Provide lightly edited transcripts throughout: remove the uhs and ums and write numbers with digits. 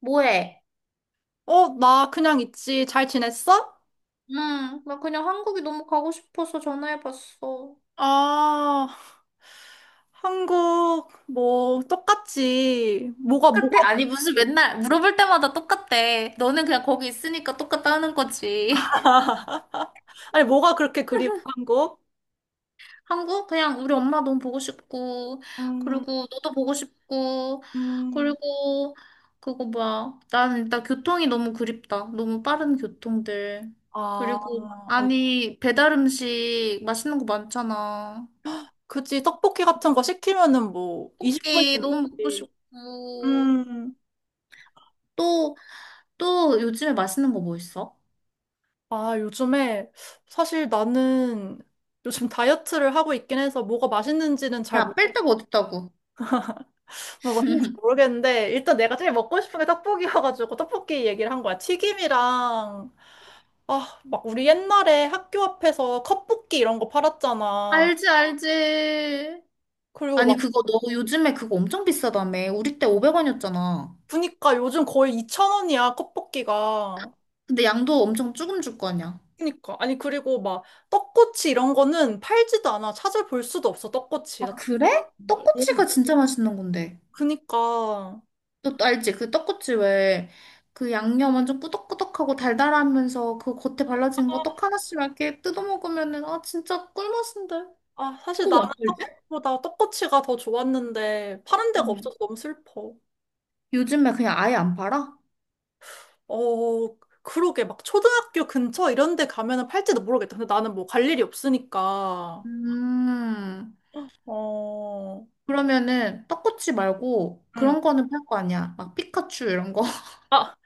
뭐해? 어, 나 그냥 있지. 잘 지냈어? 응. 나 그냥 한국이 너무 가고 싶어서 전화해봤어. 아, 한국, 뭐, 똑같지. 뭐가, 똑같아? 아니, 무슨 그리- 맨날 물어볼 때마다 똑같대. 너는 그냥 거기 있으니까 똑같다는 거지. 아니, 뭐가 그렇게 그리워, 한국? 한국? 그냥 우리 엄마 너무 보고 싶고, 음, 그리고 너도 보고 싶고, 음, 그리고 그거 뭐야. 난 일단 교통이 너무 그립다. 너무 빠른 교통들. 아, 그리고, 어, 아니, 배달 음식 맛있는 거 많잖아. 그치. 떡볶이 같은 거 시키면은 뭐, 20분이 떡볶이 너무 먹고 넘지. 싶고. 음, 또 요즘에 맛있는 거 뭐 있어? 아, 요즘에, 사실 나는 요즘 다이어트를 하고 있긴 해서 뭐가 맛있는지는 잘 야, 뺄 데가 어딨다고. 뭐 맞는지 모르겠는데 일단 내가 제일 먹고 싶은 게 떡볶이여가지고 떡볶이 얘기를 한 거야. 튀김이랑 아, 막 우리 옛날에 학교 앞에서 컵볶이 이런 거 팔았잖아. 알지, 알지. 그리고 아니, 막 그거 너 요즘에 그거 엄청 비싸다며. 우리 때 500원이었잖아. 보니까 요즘 거의 2,000원이야, 컵볶이가. 근데 양도 엄청 조금 줄 거 아니야. 그니까 아니 그리고 막 떡꼬치 이런 거는 팔지도 않아. 찾아볼 수도 없어, 떡꼬치. 아, 나 진짜 그래? 음, 떡꼬치가 진짜 맛있는 건데. 그니까 너또 알지? 그 떡꼬치 왜 그 양념 완전 꾸덕꾸덕하고 달달하면서 그 겉에 발라진 거 떡 하나씩 이렇게 뜯어 먹으면은 아 진짜 꿀맛인데. 아, 사실 그거 나는 왜안 팔지? 떡볶이보다 떡꼬치가 더 좋았는데 파는 데가 응. 없어서 너무 슬퍼. 요즘에 그냥 아예 안 팔아? 어, 그러게. 막 초등학교 근처 이런 데 가면은 팔지도 모르겠다. 근데 나는 뭐 갈 일이 없으니까. 음. 어, 그러면은 떡꼬치 말고 응. 그런 거는 팔 거 아니야. 막 피카츄 이런 거. 아,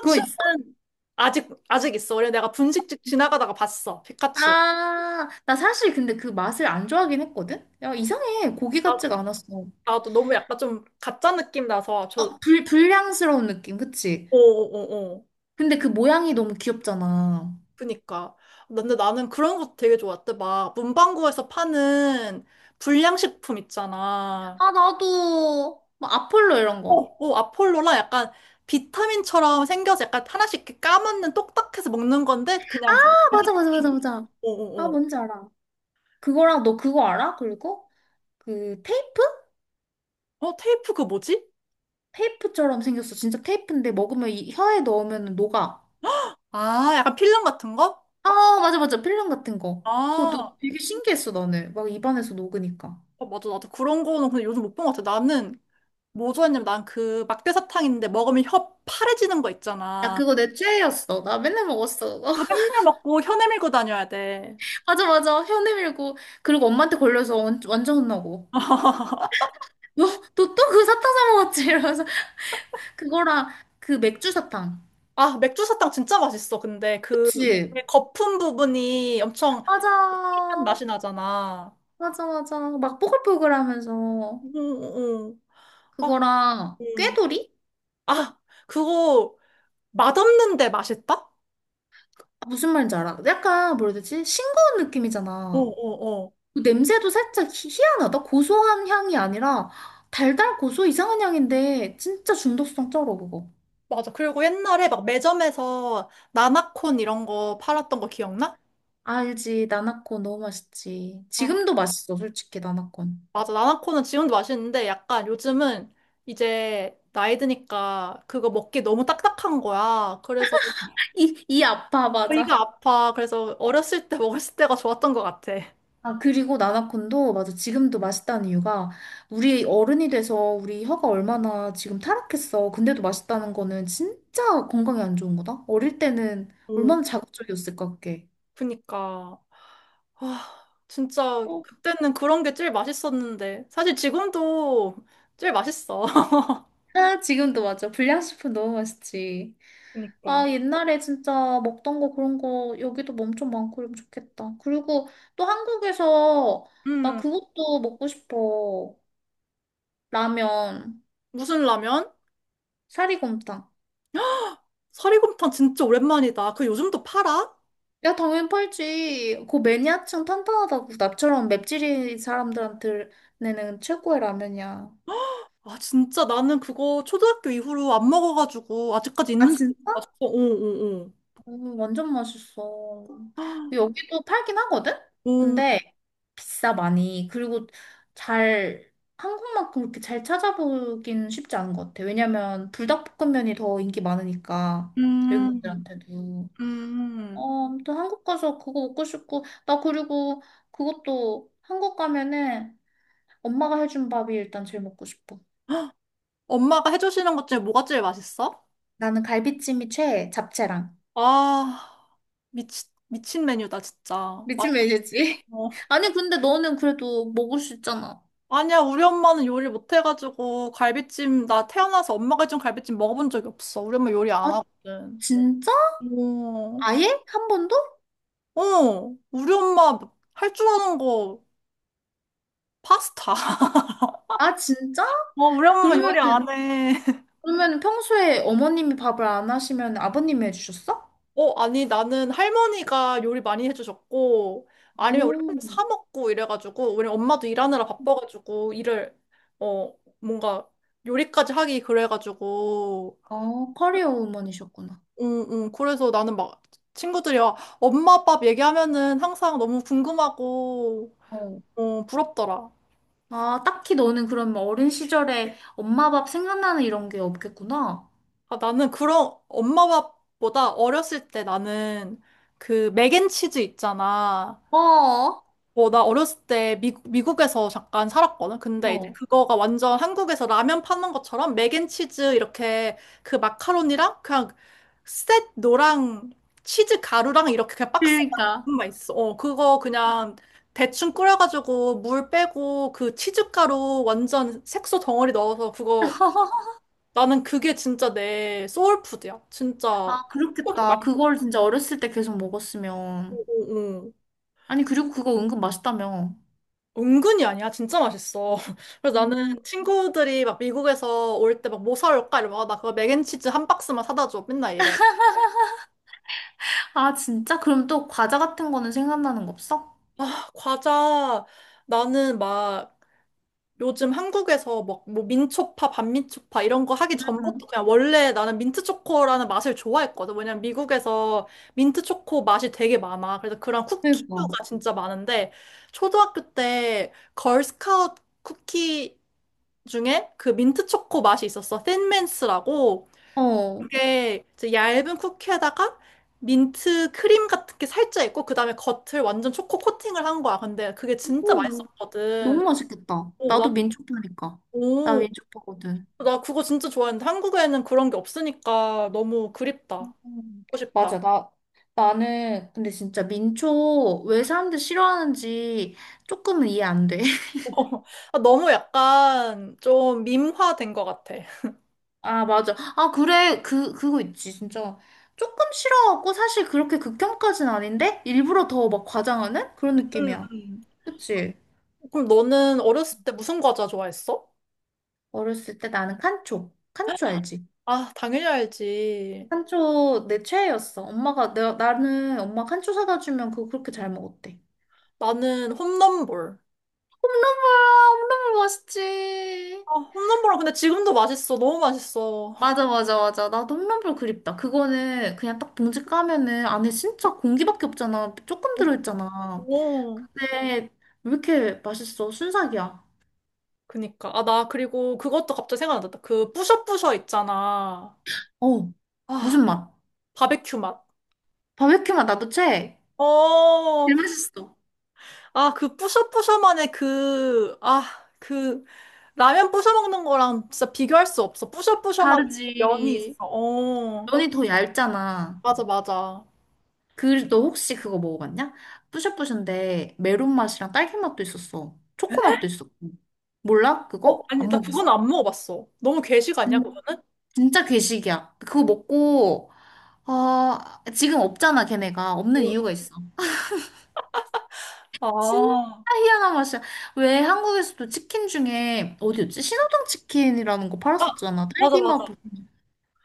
그거 있어? 아직 있어. 원래 내가 분식집 지나가다가 봤어. 피카츄. 아, 나 사실 근데 그 맛을 안 좋아하긴 했거든? 야, 이상해. 고기 아, 같지가 않았어. 나도 너무 약간 좀 가짜 느낌 나서 저, 어, 불량스러운 느낌, 그치? 어어어어. 근데 그 모양이 너무 귀엽잖아. 그니까. 근데 나는 그런 것도 되게 좋았대. 막 문방구에서 파는 불량식품 있잖아. 아, 나도. 막 아폴로 이런 어, 거. 어, 아폴로라 약간 비타민처럼 생겨서 약간 하나씩 이렇게 까먹는 똑딱해서 먹는 건데 그냥 아, 맞아, 맞아, 맞아, 맞아. 어, 아, 어, 어. 뭔지 알아. 그거랑 너 그거 알아? 그리고 그 테이프? 어, 테이프 그 뭐지? 테이프처럼 생겼어. 진짜 테이프인데 먹으면 이 혀에 넣으면 녹아. 아, 약간 필름 같은 거? 아, 맞아, 맞아. 필름 같은 거. 그것도 아, 되게 신기했어, 나는. 막 입안에서 녹으니까. 어, 맞아. 나도 그런 거는 근데 요즘 못 본 것 같아. 나는 뭐 좋아했냐면 난 그 막대사탕 있는데 먹으면 혀 파래지는 거 야, 있잖아. 그거 내 최애였어. 나 맨날 먹었어. 그거 맨날 먹고 혀 내밀고 다녀야 돼. 맞아, 맞아. 혀 내밀고. 그리고 엄마한테 걸려서 완전 혼나고. 너, 너 또 그 사탕 사 먹었지? 이러면서. 그거랑 그 맥주 사탕. 아, 맥주 사탕 진짜 맛있어. 근데 그 그치? 거품 부분이 엄청 맞아. 특이한 맛이 나잖아. 맞아, 맞아. 막 뽀글뽀글 하면서. 응, 응. 아, 그거랑 음. 꾀돌이? 아, 그거 맛없는데 맛있다? 어, 아, 무슨 말인지 알아? 약간 뭐라 해야 되지? 싱거운 어, 느낌이잖아. 어. 그 냄새도 살짝 희한하다. 고소한 향이 아니라 달달 고소 이상한 향인데 진짜 중독성 쩔어 그거. 맞아. 그리고 옛날에 막 매점에서 나나콘 이런 거 팔았던 거 기억나? 알지 나나콘 너무 맛있지. 아, 지금도 맛있어 솔직히 나나콘. 맞아. 나나콘은 지금도 맛있는데 약간 요즘은 이제 나이 드니까 그거 먹기 너무 딱딱한 거야. 그래서 이 아파 배가 맞아. 아파. 그래서 어렸을 때 먹었을 때가 좋았던 것 같아. 아 그리고 나나콘도 맞아 지금도 맛있다는 이유가 우리 어른이 돼서 우리 혀가 얼마나 지금 타락했어. 근데도 맛있다는 거는 진짜 건강에 안 좋은 거다. 어릴 때는 어, 얼마나 자극적이었을까 그게. 그니까. 아, 진짜 어. 그때는 그런 게 제일 맛있었는데. 사실 지금도 제일 맛있어. 아 지금도 맞아 불량식품 너무 맛있지. 그니까. 아, 옛날에 진짜 먹던 거 그런 거 여기도 엄청 많고 이러면 좋겠다. 그리고 또 한국에서 나 음, 그것도 먹고 싶어. 라면, 무슨 라면? 사리곰탕. 사리곰탕 진짜 오랜만이다. 그 요즘도 팔아? 야, 당연히 팔지. 그 매니아층 탄탄하다고. 나처럼 맵찔이 사람들한테는 최고의 라면이야. 아, 진짜 나는 그거 초등학교 이후로 안 먹어가지고 아직까지 아, 있는지 진짜? 몰랐어. 오, 오, 오. 완전 맛있어. 여기도 팔긴 하거든? 오, 근데 비싸 많이. 그리고 잘 한국만큼 그렇게 잘 찾아보긴 쉽지 않은 것 같아. 왜냐면 불닭볶음면이 더 인기 많으니까 음, 외국인들한테도. 음. 어, 아무튼 한국 가서 그거 먹고 싶고 나 그리고 그것도 한국 가면은 엄마가 해준 밥이 일단 제일 먹고 싶어. 엄마가 해주시는 것 중에 뭐가 제일 맛있어? 나는 갈비찜이 최애, 잡채랑. 아, 미친 메뉴다, 진짜. 미친 맛있어. 메뉴지. 아니 근데 너는 그래도 먹을 수 있잖아. 아니야, 우리 엄마는 요리 못해가지고 갈비찜, 나 태어나서 엄마가 해준 갈비찜 먹어본 적이 없어. 우리 엄마 요리 안 아, 하거든. 진짜? 오. 아예? 한 번도? 어, 우리 엄마 할 줄 아는 거 파스타. 아, 진짜? 어, 우리 엄마 요리 안 그러면은, 해. 그러면은 평소에 어머님이 밥을 안 하시면 아버님이 해주셨어? 어, 아니, 나는 할머니가 요리 많이 해주셨고, 아니면 우리 오, 맨날 사 먹고 이래가지고, 우리 엄마도 일하느라 바빠가지고, 일을, 어, 뭔가 요리까지 하기 그래가지고, 어, 커리어 우먼이셨구나. 응, 응. 그래서 나는 막 친구들이 와, 엄마 밥 얘기하면은 항상 너무 궁금하고, 어. 어, 부럽더라. 아, 딱히 너는 그럼 어린 시절에 엄마 밥 생각나는 이런 게 없겠구나. 아, 나는 그런 엄마밥보다 어렸을 때 나는 그 맥앤치즈 있잖아. 어, 어. 어, 나 어렸을 때 미국에서 잠깐 살았거든. 근데 이제 그거가 완전 한국에서 라면 파는 것처럼 맥앤치즈 이렇게 그 마카로니랑 그냥 셋 노랑 치즈 가루랑 이렇게 그냥 박스만 그러니까. 그것만 있어. 어, 그거 그냥 대충 끓여가지고 물 빼고 그 치즈 가루 완전 색소 덩어리 넣어서 그거 나는 그게 진짜 내 소울푸드야. 진짜 아, 꼭 그렇겠다. 그걸 진짜 어렸을 때 계속 먹었으면. 맛있고 응. 아니, 그리고 그거 은근 맛있다며. 은근히 아니야. 진짜 맛있어. 그래서 나는 음. 친구들이 막 미국에서 올 때 막 뭐 사올까? 이러면 아, 나 그거 맥앤치즈 한 박스만 사다 줘. 맨날 이래. 아, 진짜? 그럼 또 과자 같은 거는 생각나는 거 없어? 아, 과자 나는 막 요즘 한국에서 막 뭐 민초파, 반민초파 이런 거 하기 전부터 그냥 원래 나는 민트초코라는 맛을 좋아했거든. 왜냐면 미국에서 민트초코 맛이 되게 많아. 그래서 그런 그러니까. 쿠키류가 진짜 많은데 초등학교 때 걸스카우트 쿠키 중에 그 민트초코 맛이 있었어. 틴민스라고. 어. 그게 이제 얇은 쿠키에다가 민트 크림 같은 게 살짝 있고 그다음에 겉을 완전 초코 코팅을 한 거야. 근데 그게 진짜 오, 맛있었거든. 너무 맛있겠다. 오, 나, 나도 민초파니까. 나 민초파거든. 나 그거 진짜 좋아했는데 한국에는 그런 게 없으니까 너무 그립다. 음, 하고 싶다. 맞아. 나는 근데 진짜 민초 왜 사람들 싫어하는지 조금은 이해 안 돼. 아, 너무 약간 좀 밈화된 것 같아. 아, 맞아. 아, 그래. 그거 있지. 진짜. 조금 싫어하고 사실 그렇게 극혐까진 아닌데 일부러 더 막 과장하는 그런 음, 느낌이야. 음. 그치? 그럼 너는 어렸을 때 무슨 과자 좋아했어? 어렸을 때 나는 칸초. 칸초 알지? 아, 당연히 알지. 칸초 내 최애였어. 엄마가 내가 나는 엄마 칸초 사다 주면 그거 그렇게 잘 먹었대. 나는 홈런볼. 홈런볼 홈런볼 맛있지. 아, 홈런볼은 근데 지금도 맛있어. 너무 맛있어. 맞아 맞아 맞아. 나도 홈런볼 그립다. 그거는 그냥 딱 봉지 까면은 안에 진짜 공기밖에 없잖아. 조금 들어있잖아. 오. 근데 왜 이렇게 맛있어? 순삭이야. 그니까. 아, 나 그리고 그것도 갑자기 생각났다. 그 뿌셔뿌셔 있잖아. 어 아, 무슨 맛? 바베큐 맛. 바베큐 맛 나도 최애. 어, 제일 맛있어. 아, 그 뿌셔뿌셔만의 그, 아, 그, 라면 뿌셔 먹는 거랑 진짜 비교할 수 없어. 뿌셔뿌셔만 면이 있어. 다르지. 어, 면이 더 얇잖아. 맞아, 맞아. 그, 너 혹시 그거 먹어봤냐? 뿌셔뿌셔인데 메론 맛이랑 딸기 맛도 있었어. 초코 맛도 있었고. 몰라? 어, 그거? 아니, 안 나 그건 먹었어? 안 먹어봤어. 너무 괴식 아니야, 진, 그거는? 진짜 괴식이야. 그거 먹고, 아, 지금 없잖아, 걔네가. 없는 응. 이유가 있어. 진짜 아, 희한한 맛이야. 왜 한국에서도 치킨 중에, 어디였지? 신호등 치킨이라는 거 아, 팔았었잖아. 맞아, 딸기 맛. 맞아.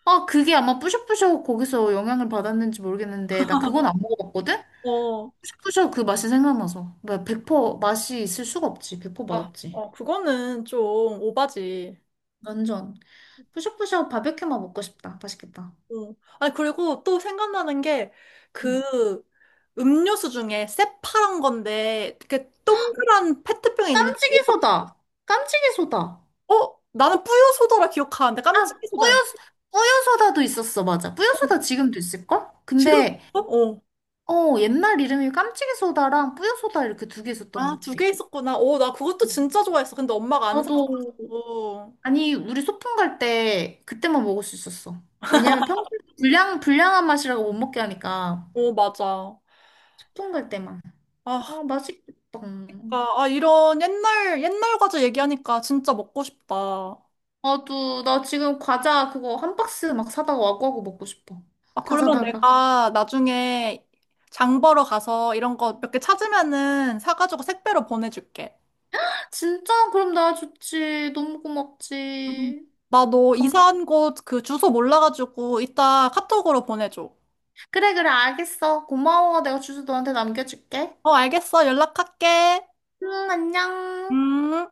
아, 그게 아마 뿌셔뿌셔 거기서 영향을 받았는지 모르겠는데, 나 그건 안 먹어봤거든? 어, 샤브샤브 그 맛이 생각나서. 뭐, 100% 맛이 있을 수가 없지. 100% 아, 맛없지. 어, 그거는 좀 오바지. 완전. 푸샤푸샤 바베큐만 먹고 싶다. 맛있겠다. 어. 아니, 그리고 또 생각나는 게, 음. 그, 음료수 중에 새파란 건데, 이렇게 동그란 페트병에 있는 깜찍이 소다. 깜찍이 소다. 어? 나는 뿌요 소다라 기억하는데 아, 깜찍이 뿌여, 소다였나? 뿌여 소다도 있었어. 맞아. 뿌여 어, 소다 지금도 있을걸? 지금도 근데, 있어? 어. 어, 옛날 이름이 깜찍이 소다랑 뿌여 소다 이렇게 2개 있었던 것 아, 두 같아. 개 있었구나. 어, 나 그것도 진짜 좋아했어. 근데 엄마가 안 나도, 사줬고. 아니, 우리 소풍 갈 때 그때만 먹을 수 있었어. 왜냐면 평소에 불량한 맛이라고 못 먹게 하니까. 어, 맞아. 소풍 갈 때만. 아, 아, 맛있겠다. 그러니까, 아, 이런 옛날, 옛날 과자 얘기하니까 진짜 먹고 싶다. 나도, 나 지금 과자 그거 1박스 막 사다가 와구와구 먹고 싶어. 아, 다 그러면 사다가. 내가 나중에 장 보러 가서 이런 거 몇 개 찾으면은 사가지고 택배로 보내줄게. 진짜? 그럼 나 좋지. 너무 음. 고맙지. 나너 감... 이사한 곳 그 주소 몰라가지고 이따 카톡으로 보내줘. 그래, 그래, 알겠어. 고마워. 내가 주소 너한테 남겨줄게. 어, 알겠어. 연락할게. 응, 안녕. 음.